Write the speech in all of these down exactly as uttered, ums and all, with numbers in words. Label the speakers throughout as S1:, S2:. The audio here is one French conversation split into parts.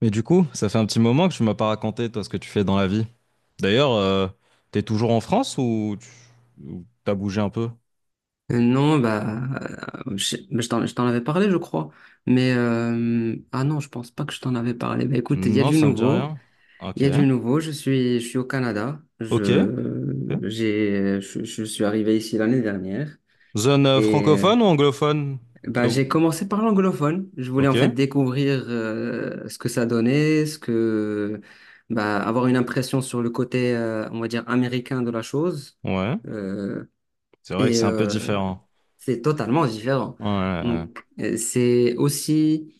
S1: Mais du coup, ça fait un petit moment que tu m'as pas raconté, toi, ce que tu fais dans la vie. D'ailleurs, euh, t'es toujours en France ou tu- ou t'as bougé un peu?
S2: Euh, Non, bah, euh, je, bah, je t'en, je t'en avais parlé, je crois. Mais euh, ah non, je pense pas que je t'en avais parlé. Bah écoute, il y a
S1: Non,
S2: du
S1: ça me dit
S2: nouveau,
S1: rien.
S2: il
S1: Ok.
S2: y a du nouveau. Je suis, je suis au Canada.
S1: Ok.
S2: Je,
S1: Ok.
S2: j'ai, je, je suis arrivé ici l'année dernière
S1: Zone euh,
S2: et euh,
S1: francophone ou anglophone? T'es
S2: bah j'ai
S1: où?
S2: commencé par l'anglophone. Je voulais
S1: Ok.
S2: en fait découvrir euh, ce que ça donnait, ce que bah avoir une impression sur le côté, euh, on va dire américain de la chose.
S1: Ouais.
S2: Euh,
S1: C'est vrai que
S2: et
S1: c'est un peu
S2: euh,
S1: différent.
S2: c'est totalement différent.
S1: Ouais, ouais, ouais.
S2: Donc, euh, c'est aussi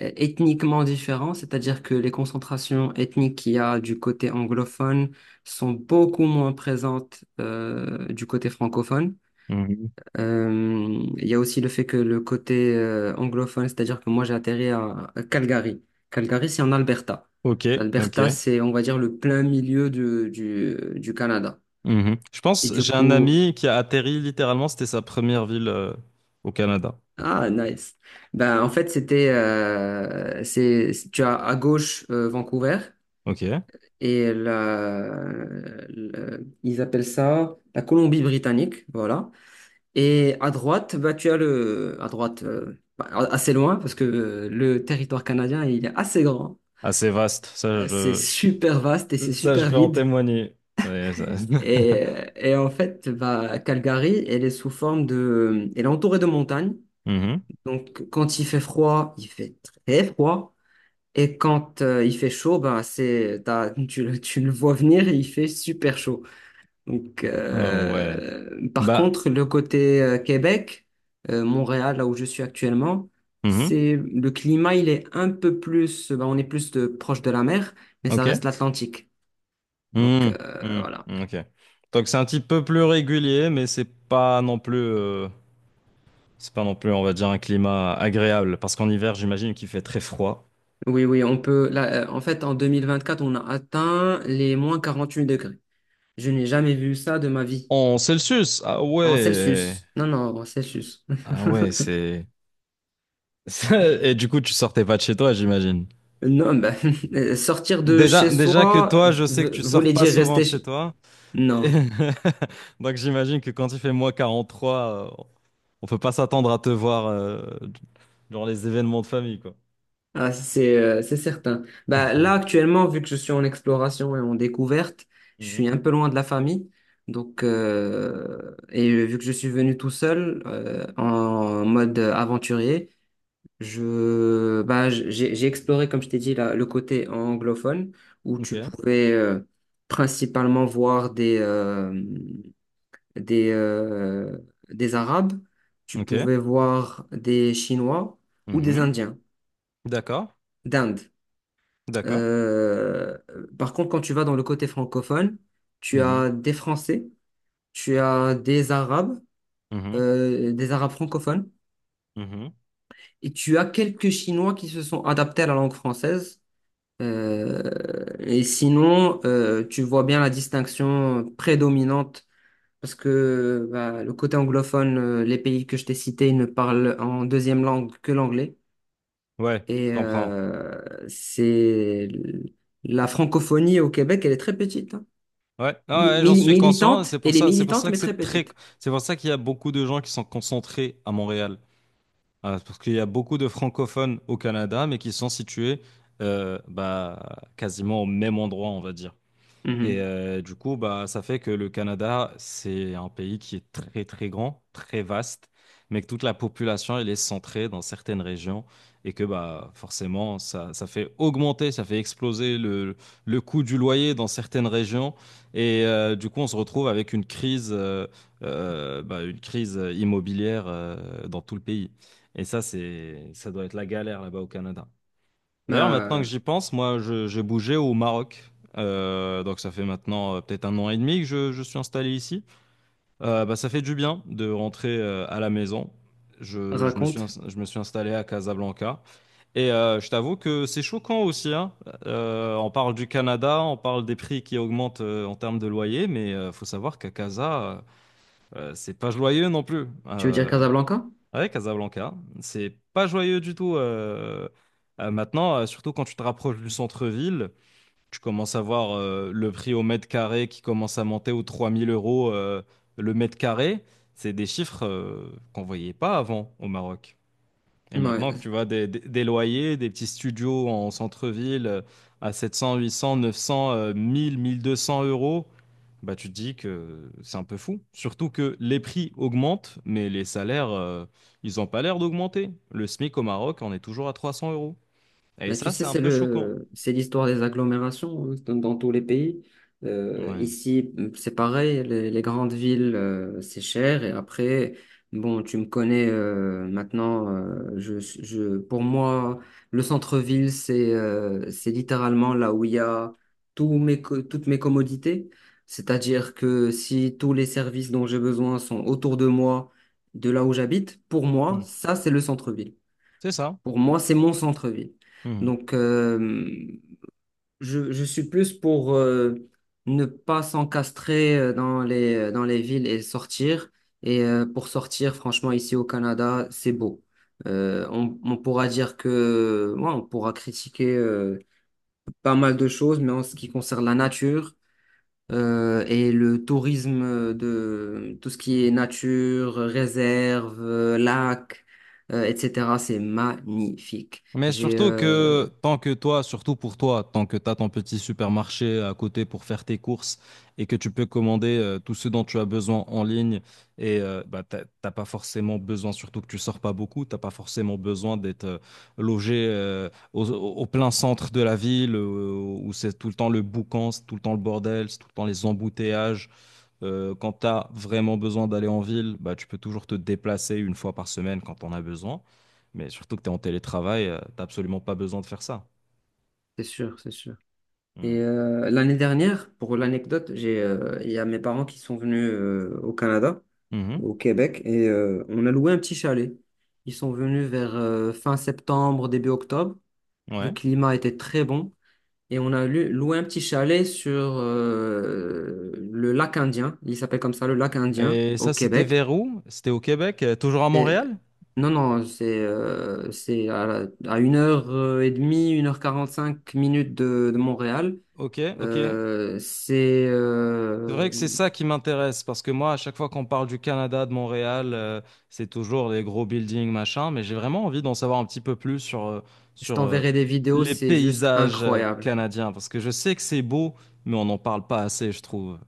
S2: euh, ethniquement différent, c'est-à-dire que les concentrations ethniques qu'il y a du côté anglophone sont beaucoup moins présentes euh, du côté francophone.
S1: Mhm.
S2: Euh, il y a aussi le fait que le côté euh, anglophone, c'est-à-dire que moi j'ai atterri à, à Calgary. Calgary, c'est en Alberta.
S1: Ok.
S2: L'Alberta,
S1: Ok.
S2: c'est, on va dire, le plein milieu du, du, du Canada.
S1: Mhm. Je
S2: Et
S1: pense,
S2: du
S1: j'ai un
S2: coup,
S1: ami qui a atterri littéralement, c'était sa première ville euh, au Canada.
S2: ah, nice. Ben, en fait, c'était, euh, c'est, tu as à gauche euh, Vancouver
S1: Ok.
S2: et la, le- ils appellent ça la Colombie-Britannique, voilà. Et à droite, bah, tu as le, à droite, euh, bah, assez loin parce que euh, le territoire canadien, il est assez grand.
S1: Assez vaste. Ça,
S2: Euh, c'est
S1: je...
S2: super vaste et c'est
S1: Ça, je
S2: super
S1: peux en
S2: vide.
S1: témoigner. Ouais, ça-
S2: Et, et en fait, bah, Calgary, elle est sous forme de, elle est entourée de montagnes.
S1: Mhm.
S2: Donc, quand il fait froid, il fait très froid. Et quand euh, il fait chaud, ben c'est, t'as- tu, le tu le vois venir et il fait super chaud. Donc,
S1: Ah ouais.
S2: euh, par
S1: Bah,
S2: contre, le côté euh, Québec, euh, Montréal, là où je suis actuellement,
S1: mhm.
S2: c'est le climat, il est un peu plus, ben on est plus de, proche de la mer, mais ça reste
S1: Ok.
S2: l'Atlantique. Donc,
S1: Mhm.
S2: euh,
S1: Mhm.
S2: voilà.
S1: Ok. Donc c'est un petit peu plus régulier, mais c'est pas non plus, euh, c'est pas non plus, on va dire, un climat agréable. Parce qu'en hiver, j'imagine qu'il fait très froid.
S2: Oui, oui, on peut. Là, euh, en fait, en quatre, on a atteint les moins quarante-huit degrés. Je n'ai jamais vu ça de ma vie.
S1: En Celsius, ah
S2: En
S1: ouais.
S2: Celsius. Non, non, en Celsius.
S1: Ah ouais, c'est... Et du coup, tu sortais pas de chez toi, j'imagine.
S2: Non, bah, euh, sortir de chez
S1: Déjà, déjà que
S2: soi
S1: toi,
S2: v-
S1: je sais que
S2: v-
S1: tu sors
S2: voulait
S1: pas
S2: dire
S1: souvent
S2: rester
S1: de chez
S2: chez...
S1: toi.
S2: Non,
S1: Donc j'imagine que quand il fait moins quarante trois. On peut pas s'attendre à te voir euh, dans les événements de famille, quoi.
S2: ah, c'est euh, c'est certain. Bah, là, actuellement, vu que je suis en exploration et en découverte, je
S1: Mhm.
S2: suis un peu loin de la famille. Donc, euh, et euh, vu que je suis venu tout seul, euh, en mode aventurier, je, bah, j- j'ai j'ai exploré, comme je t'ai dit, la- le côté anglophone, où
S1: Ok,
S2: tu pouvais euh, principalement voir des... euh, des, euh, des Arabes, tu
S1: ok.
S2: pouvais voir des Chinois ou des
S1: Mhm.
S2: Indiens
S1: D'accord,
S2: d'Inde.
S1: d'accord.
S2: Euh, Par contre, quand tu vas dans le côté francophone, tu
S1: Mhm.
S2: as des Français, tu as des Arabes, euh, des Arabes francophones,
S1: Mhm. Mhm.
S2: et tu as quelques Chinois qui se sont adaptés à la langue française. Euh, et sinon, euh, tu vois bien la distinction prédominante parce que bah, le côté anglophone, euh, les pays que je t'ai cités ne parlent en deuxième langue que l'anglais.
S1: Ouais,
S2: Et
S1: je comprends.
S2: euh, c'est la francophonie au Québec, elle est très petite. Hein.
S1: Ouais, ah
S2: Mi-
S1: ouais, j'en
S2: mi-
S1: suis conscient.
S2: militante,
S1: C'est pour
S2: elle est
S1: ça, c'est pour
S2: militante,
S1: ça que
S2: mais très
S1: c'est très...
S2: petite.
S1: c'est pour ça qu'il y a beaucoup de gens qui sont concentrés à Montréal. Ah, parce qu'il y a beaucoup de francophones au Canada, mais qui sont situés, euh, bah, quasiment au même endroit, on va dire. Et
S2: Mhm.
S1: euh, du coup, bah, ça fait que le Canada, c'est un pays qui est très, très grand, très vaste, mais que toute la population, elle est centrée dans certaines régions et que bah, forcément, ça, ça fait augmenter, ça fait exploser le, le coût du loyer dans certaines régions. Et euh, du coup, on se retrouve avec une crise, euh, euh, bah, une crise immobilière euh, dans tout le pays. Et ça, c'est, ça doit être la galère là-bas au Canada. D'ailleurs, maintenant que
S2: Bah,
S1: j'y pense, moi, je- j'ai bougé au Maroc. Euh, donc ça fait maintenant euh, peut-être un an et demi que je, je suis installé ici. Euh, bah, ça fait du bien de rentrer euh, à la maison. Je, je me suis,
S2: raconte.
S1: ins- je me suis installé à Casablanca. Et euh, je t'avoue que c'est choquant aussi, hein. Euh, on parle du Canada, on parle des prix qui augmentent euh, en termes de loyer, mais euh, faut savoir qu'à Casa, euh, euh, c'est pas joyeux non plus.
S2: Tu veux dire
S1: Euh,
S2: Casablanca?
S1: Ouais, Casablanca, c'est pas joyeux du tout euh, euh, maintenant, euh, surtout quand tu te rapproches du centre-ville, tu commences à voir euh, le prix au mètre carré qui commence à monter aux trois mille euros euh, le mètre carré. C'est des chiffres euh, qu'on voyait pas avant au Maroc. Et maintenant que tu
S2: Ouais.
S1: vois des, des- des loyers, des petits studios en centre-ville euh, à sept cents, huit cents, neuf cents, euh, mille, mille deux cents euros, bah tu te dis que c'est un peu fou. Surtout que les prix augmentent, mais les salaires, euh, ils n'ont pas l'air d'augmenter. Le SMIC au Maroc, on est toujours à trois cents euros. Et
S2: Mais tu
S1: ça,
S2: sais,
S1: c'est un
S2: c'est
S1: peu choquant.
S2: le, c'est l'histoire des agglomérations hein, dans, dans tous les pays. Euh,
S1: Ouais.
S2: ici, mmh, c'est pareil, les, les grandes villes, euh, c'est cher. Et après, bon, tu me connais euh, maintenant. Euh, je, je, pour moi, le centre-ville, c'est euh, c'est littéralement là où il y a tous mes, co- toutes mes commodités. C'est-à-dire que si tous les services dont j'ai besoin sont autour de moi, de là où j'habite, pour moi,
S1: Mm.
S2: ça, c'est le centre-ville.
S1: C'est ça.
S2: Pour moi, c'est mon centre-ville. Donc, euh, je, je suis plus pour euh, ne pas s'encastrer euh, dans les, euh, dans les villes et sortir. Et euh, pour sortir, franchement, ici au Canada, c'est beau. Euh, on, on pourra dire que, ouais, on pourra critiquer euh, pas mal de choses, mais en ce qui concerne la nature, euh, et le tourisme de tout ce qui est nature, réserve, euh, lac, euh, et cétéra, c'est magnifique.
S1: Mais
S2: J'ai,
S1: surtout
S2: euh,
S1: que tant que toi, surtout pour toi, tant que tu as ton petit supermarché à côté pour faire tes courses et que tu peux commander euh, tout ce dont tu as besoin en ligne et euh, bah, t'as t'as pas forcément besoin, surtout que tu sors pas beaucoup, t'as pas forcément besoin d'être euh, logé euh, au, au plein centre euh, quand tu as vraiment besoin d'aller en ville, bah, tu peux toujours te déplacer une fois par semaine quand on a besoin. Mais surtout que tu es en télétravail, tu n'as absolument pas besoin de faire ça.
S2: c'est sûr, c'est sûr. Et
S1: Mm.
S2: euh, l'année dernière, pour l'anecdote, j'ai, euh, il y a mes parents qui sont venus euh, au Canada,
S1: Mhm.
S2: au Québec, et euh, on a loué un petit chalet. Ils sont venus vers euh, fin septembre, début octobre. Le
S1: Ouais.
S2: climat était très bon. Et on a lu- loué un petit chalet sur euh, le lac Indien. Il s'appelle comme ça, le lac Indien,
S1: Et
S2: au
S1: ça, c'était
S2: Québec.
S1: vers où? C'était au Québec, euh, toujours à
S2: Et-
S1: Montréal?
S2: non, non, c'est euh, c'est à, à une heure euh, et demie, une heure quarante-cinq minutes de, de Montréal.
S1: Ok, ok.
S2: Euh, c'est,
S1: C'est vrai
S2: euh,
S1: que c'est ça qui m'intéresse, parce que moi, à chaque fois qu'on parle du Canada, de Montréal, euh, c'est toujours les gros buildings, machin, mais j'ai vraiment envie d'en savoir un petit peu plus sur, euh,
S2: je
S1: sur euh,
S2: t'enverrai des vidéos,
S1: les
S2: c'est juste
S1: paysages euh,
S2: incroyable.
S1: canadiens, parce que je sais que c'est beau, mais on n'en parle pas assez, je trouve.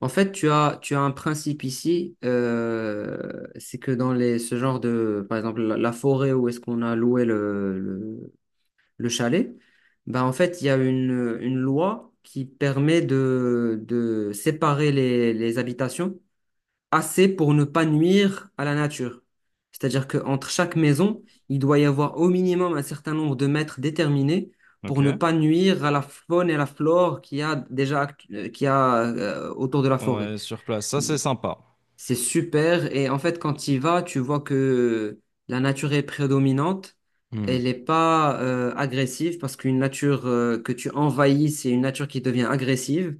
S2: En fait, tu as, tu as un principe ici, euh, c'est que dans les, ce genre de, par exemple, la, la forêt où est-ce qu'on a loué le le- le chalet, bah en fait, il y a une, une loi qui permet de, de séparer les, les habitations assez pour ne pas nuire à la nature. C'est-à-dire qu'entre chaque maison, il doit y avoir au minimum un certain nombre de mètres déterminés pour ne
S1: Ok.
S2: pas nuire à la faune et à la flore qu'il y a déjà actu- euh, qu'il y a euh, autour de la forêt.
S1: Ouais, sur place, ça c'est sympa.
S2: C'est super. Et en fait, quand tu y vas, tu vois que la nature est prédominante.
S1: Hmm.
S2: Elle n'est pas euh, agressive parce qu'une nature euh, que tu envahis, c'est une nature qui devient agressive.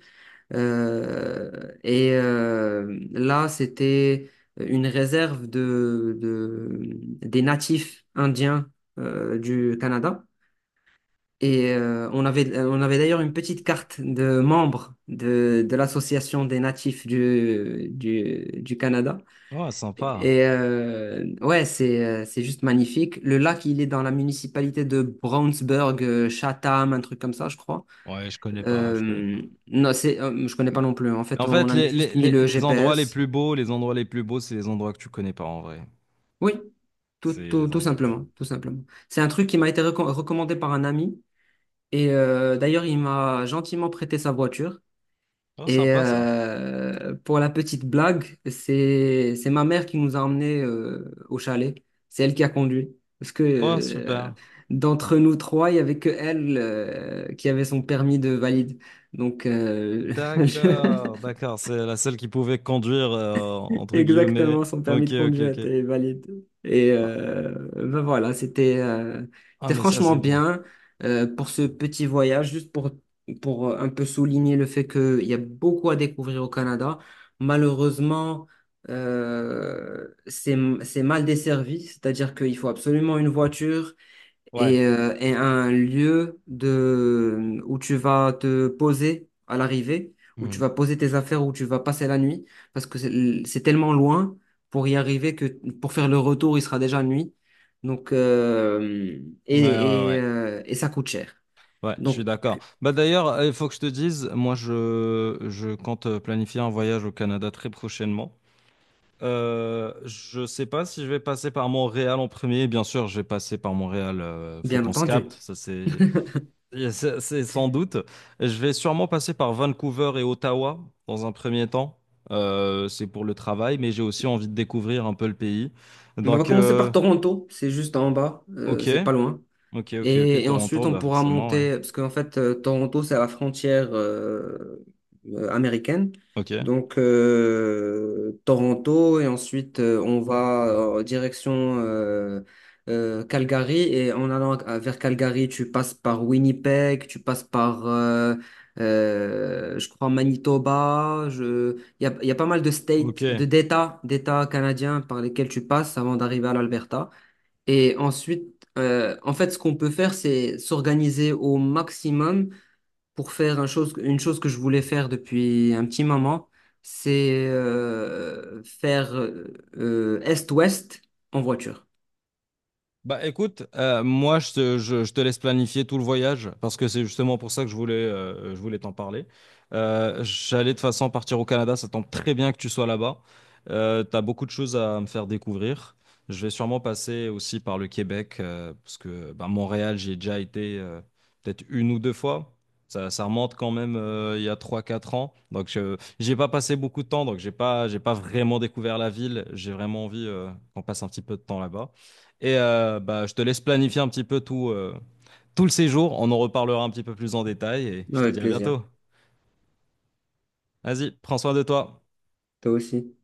S2: Euh, et euh, Là, c'était une réserve de, de- des natifs indiens euh, du Canada. Et euh, on avait, on avait d'ailleurs une petite carte de membres de, de l'association des natifs du, du, du Canada.
S1: Ouais, sympa.
S2: Et euh, ouais, c'est euh, c'est juste magnifique. Le lac, il est dans la municipalité de Brownsburg, euh, Chatham, un truc comme ça, je crois.
S1: Ouais, je connais pas, je connais
S2: Euh,
S1: pas.
S2: non, c'est, euh, je connais pas non plus. En
S1: Mais
S2: fait,
S1: en
S2: on
S1: fait,
S2: a mis-
S1: les,
S2: juste
S1: les,
S2: mis
S1: les,
S2: le
S1: les endroits les
S2: G P S.
S1: plus beaux, les endroits les plus beaux, c'est les endroits que tu connais pas en vrai.
S2: Oui, tout,
S1: C'est
S2: tout,
S1: les
S2: tout
S1: endroits que tu...
S2: simplement, tout simplement. C'est un truc qui m'a été reco- recommandé par un ami. Et euh, d'ailleurs, il m'a gentiment prêté sa voiture.
S1: Oh,
S2: Et
S1: sympa ça.
S2: euh, pour la petite blague, c'est c'est ma mère qui nous a emmenés euh, au chalet. C'est elle qui a conduit. Parce que
S1: Oh,
S2: euh,
S1: super.
S2: d'entre nous trois, il n'y avait que elle euh, qui avait son permis de valide. Donc, euh, je-
S1: D'accord, d'accord. C'est la seule qui pouvait conduire, euh, entre guillemets.
S2: exactement, son permis
S1: Ok,
S2: de
S1: ok,
S2: conduire
S1: ok.
S2: était valide. Et
S1: Ah,
S2: euh, ben voilà, c'était euh,
S1: ah,
S2: c'était
S1: mais ça,
S2: franchement
S1: c'est beau.
S2: bien euh, pour ce petit voyage, juste pour, pour euh, un peu souligner le fait qu'il y a beaucoup à découvrir au Canada. Malheureusement, euh, c'est, c'est mal desservi, c'est-à-dire qu'il faut absolument une voiture
S1: Ouais.
S2: et, euh, et un lieu de, où tu vas te poser à l'arrivée, où tu
S1: Hmm.
S2: vas poser tes affaires, où tu vas passer la nuit, parce que c'est c'est tellement loin pour y arriver que pour faire le retour, il sera déjà nuit. Donc, euh,
S1: Ouais, ouais,
S2: et, et,
S1: ouais.
S2: euh, et ça coûte cher.
S1: Ouais, je suis
S2: Donc,
S1: d'accord. Bah d'ailleurs, euh, il faut que je te dise, moi, je, je compte euh, planifier un voyage au Canada très prochainement. Euh, je sais pas si je vais passer par Montréal en premier. Bien sûr, je vais passer par Montréal. euh, faut
S2: bien
S1: qu'on se capte.
S2: entendu.
S1: Ça, c'est... Et C'est c'est sans doute. Je vais sûrement passer par Vancouver et Ottawa dans un premier temps. Euh, c'est pour le travail, mais j'ai aussi envie de découvrir un peu le pays.
S2: On va
S1: Donc,
S2: commencer
S1: euh,
S2: par Toronto, c'est juste en bas, euh,
S1: ok,
S2: c'est pas loin.
S1: ok, ok, ok,
S2: Et, et
S1: Toronto,
S2: ensuite, on
S1: bah
S2: pourra
S1: forcément, ouais.
S2: monter, parce qu'en fait, euh, Toronto, c'est à la frontière euh, euh, américaine.
S1: Ok,
S2: Donc, euh, Toronto, et ensuite, euh, on va en direction euh, euh, Calgary. Et en allant à- vers Calgary, tu passes par Winnipeg, tu passes par, euh, euh, je crois, Manitoba. Je... Il y a, il y a pas mal de
S1: ok.
S2: states, de d'États, d'États canadiens par lesquels tu passes avant d'arriver à l'Alberta. Et ensuite, euh, en fait, ce qu'on peut faire, c'est s'organiser au maximum pour faire un chose, une chose que je voulais faire depuis un petit moment, c'est euh, faire euh, euh, est-ouest en voiture.
S1: Bah écoute, euh, moi je te, je- je te laisse planifier tout le voyage parce que c'est justement pour ça que je voulais, euh, je voulais t'en parler. Euh, j'allais de toute façon partir au Canada, ça tombe très bien que tu sois là-bas. Euh, t'as beaucoup de choses à me faire découvrir. Je vais sûrement passer aussi par le Québec euh, parce que bah, Montréal, j'ai déjà été euh, peut-être une ou deux fois. Ça, ça remonte quand même euh, il y a trois quatre ans. Donc je, j'ai pas passé beaucoup de temps, donc j'ai pas, j'ai pas vraiment découvert la ville. J'ai vraiment envie euh, qu'on passe un petit peu de temps là-bas. Et euh, bah, je te laisse planifier un petit peu tout, euh, tout le séjour. On en reparlera un petit peu plus en détail et je te
S2: Avec
S1: dis à
S2: plaisir.
S1: bientôt. Vas-y, prends soin de toi.
S2: Toi aussi.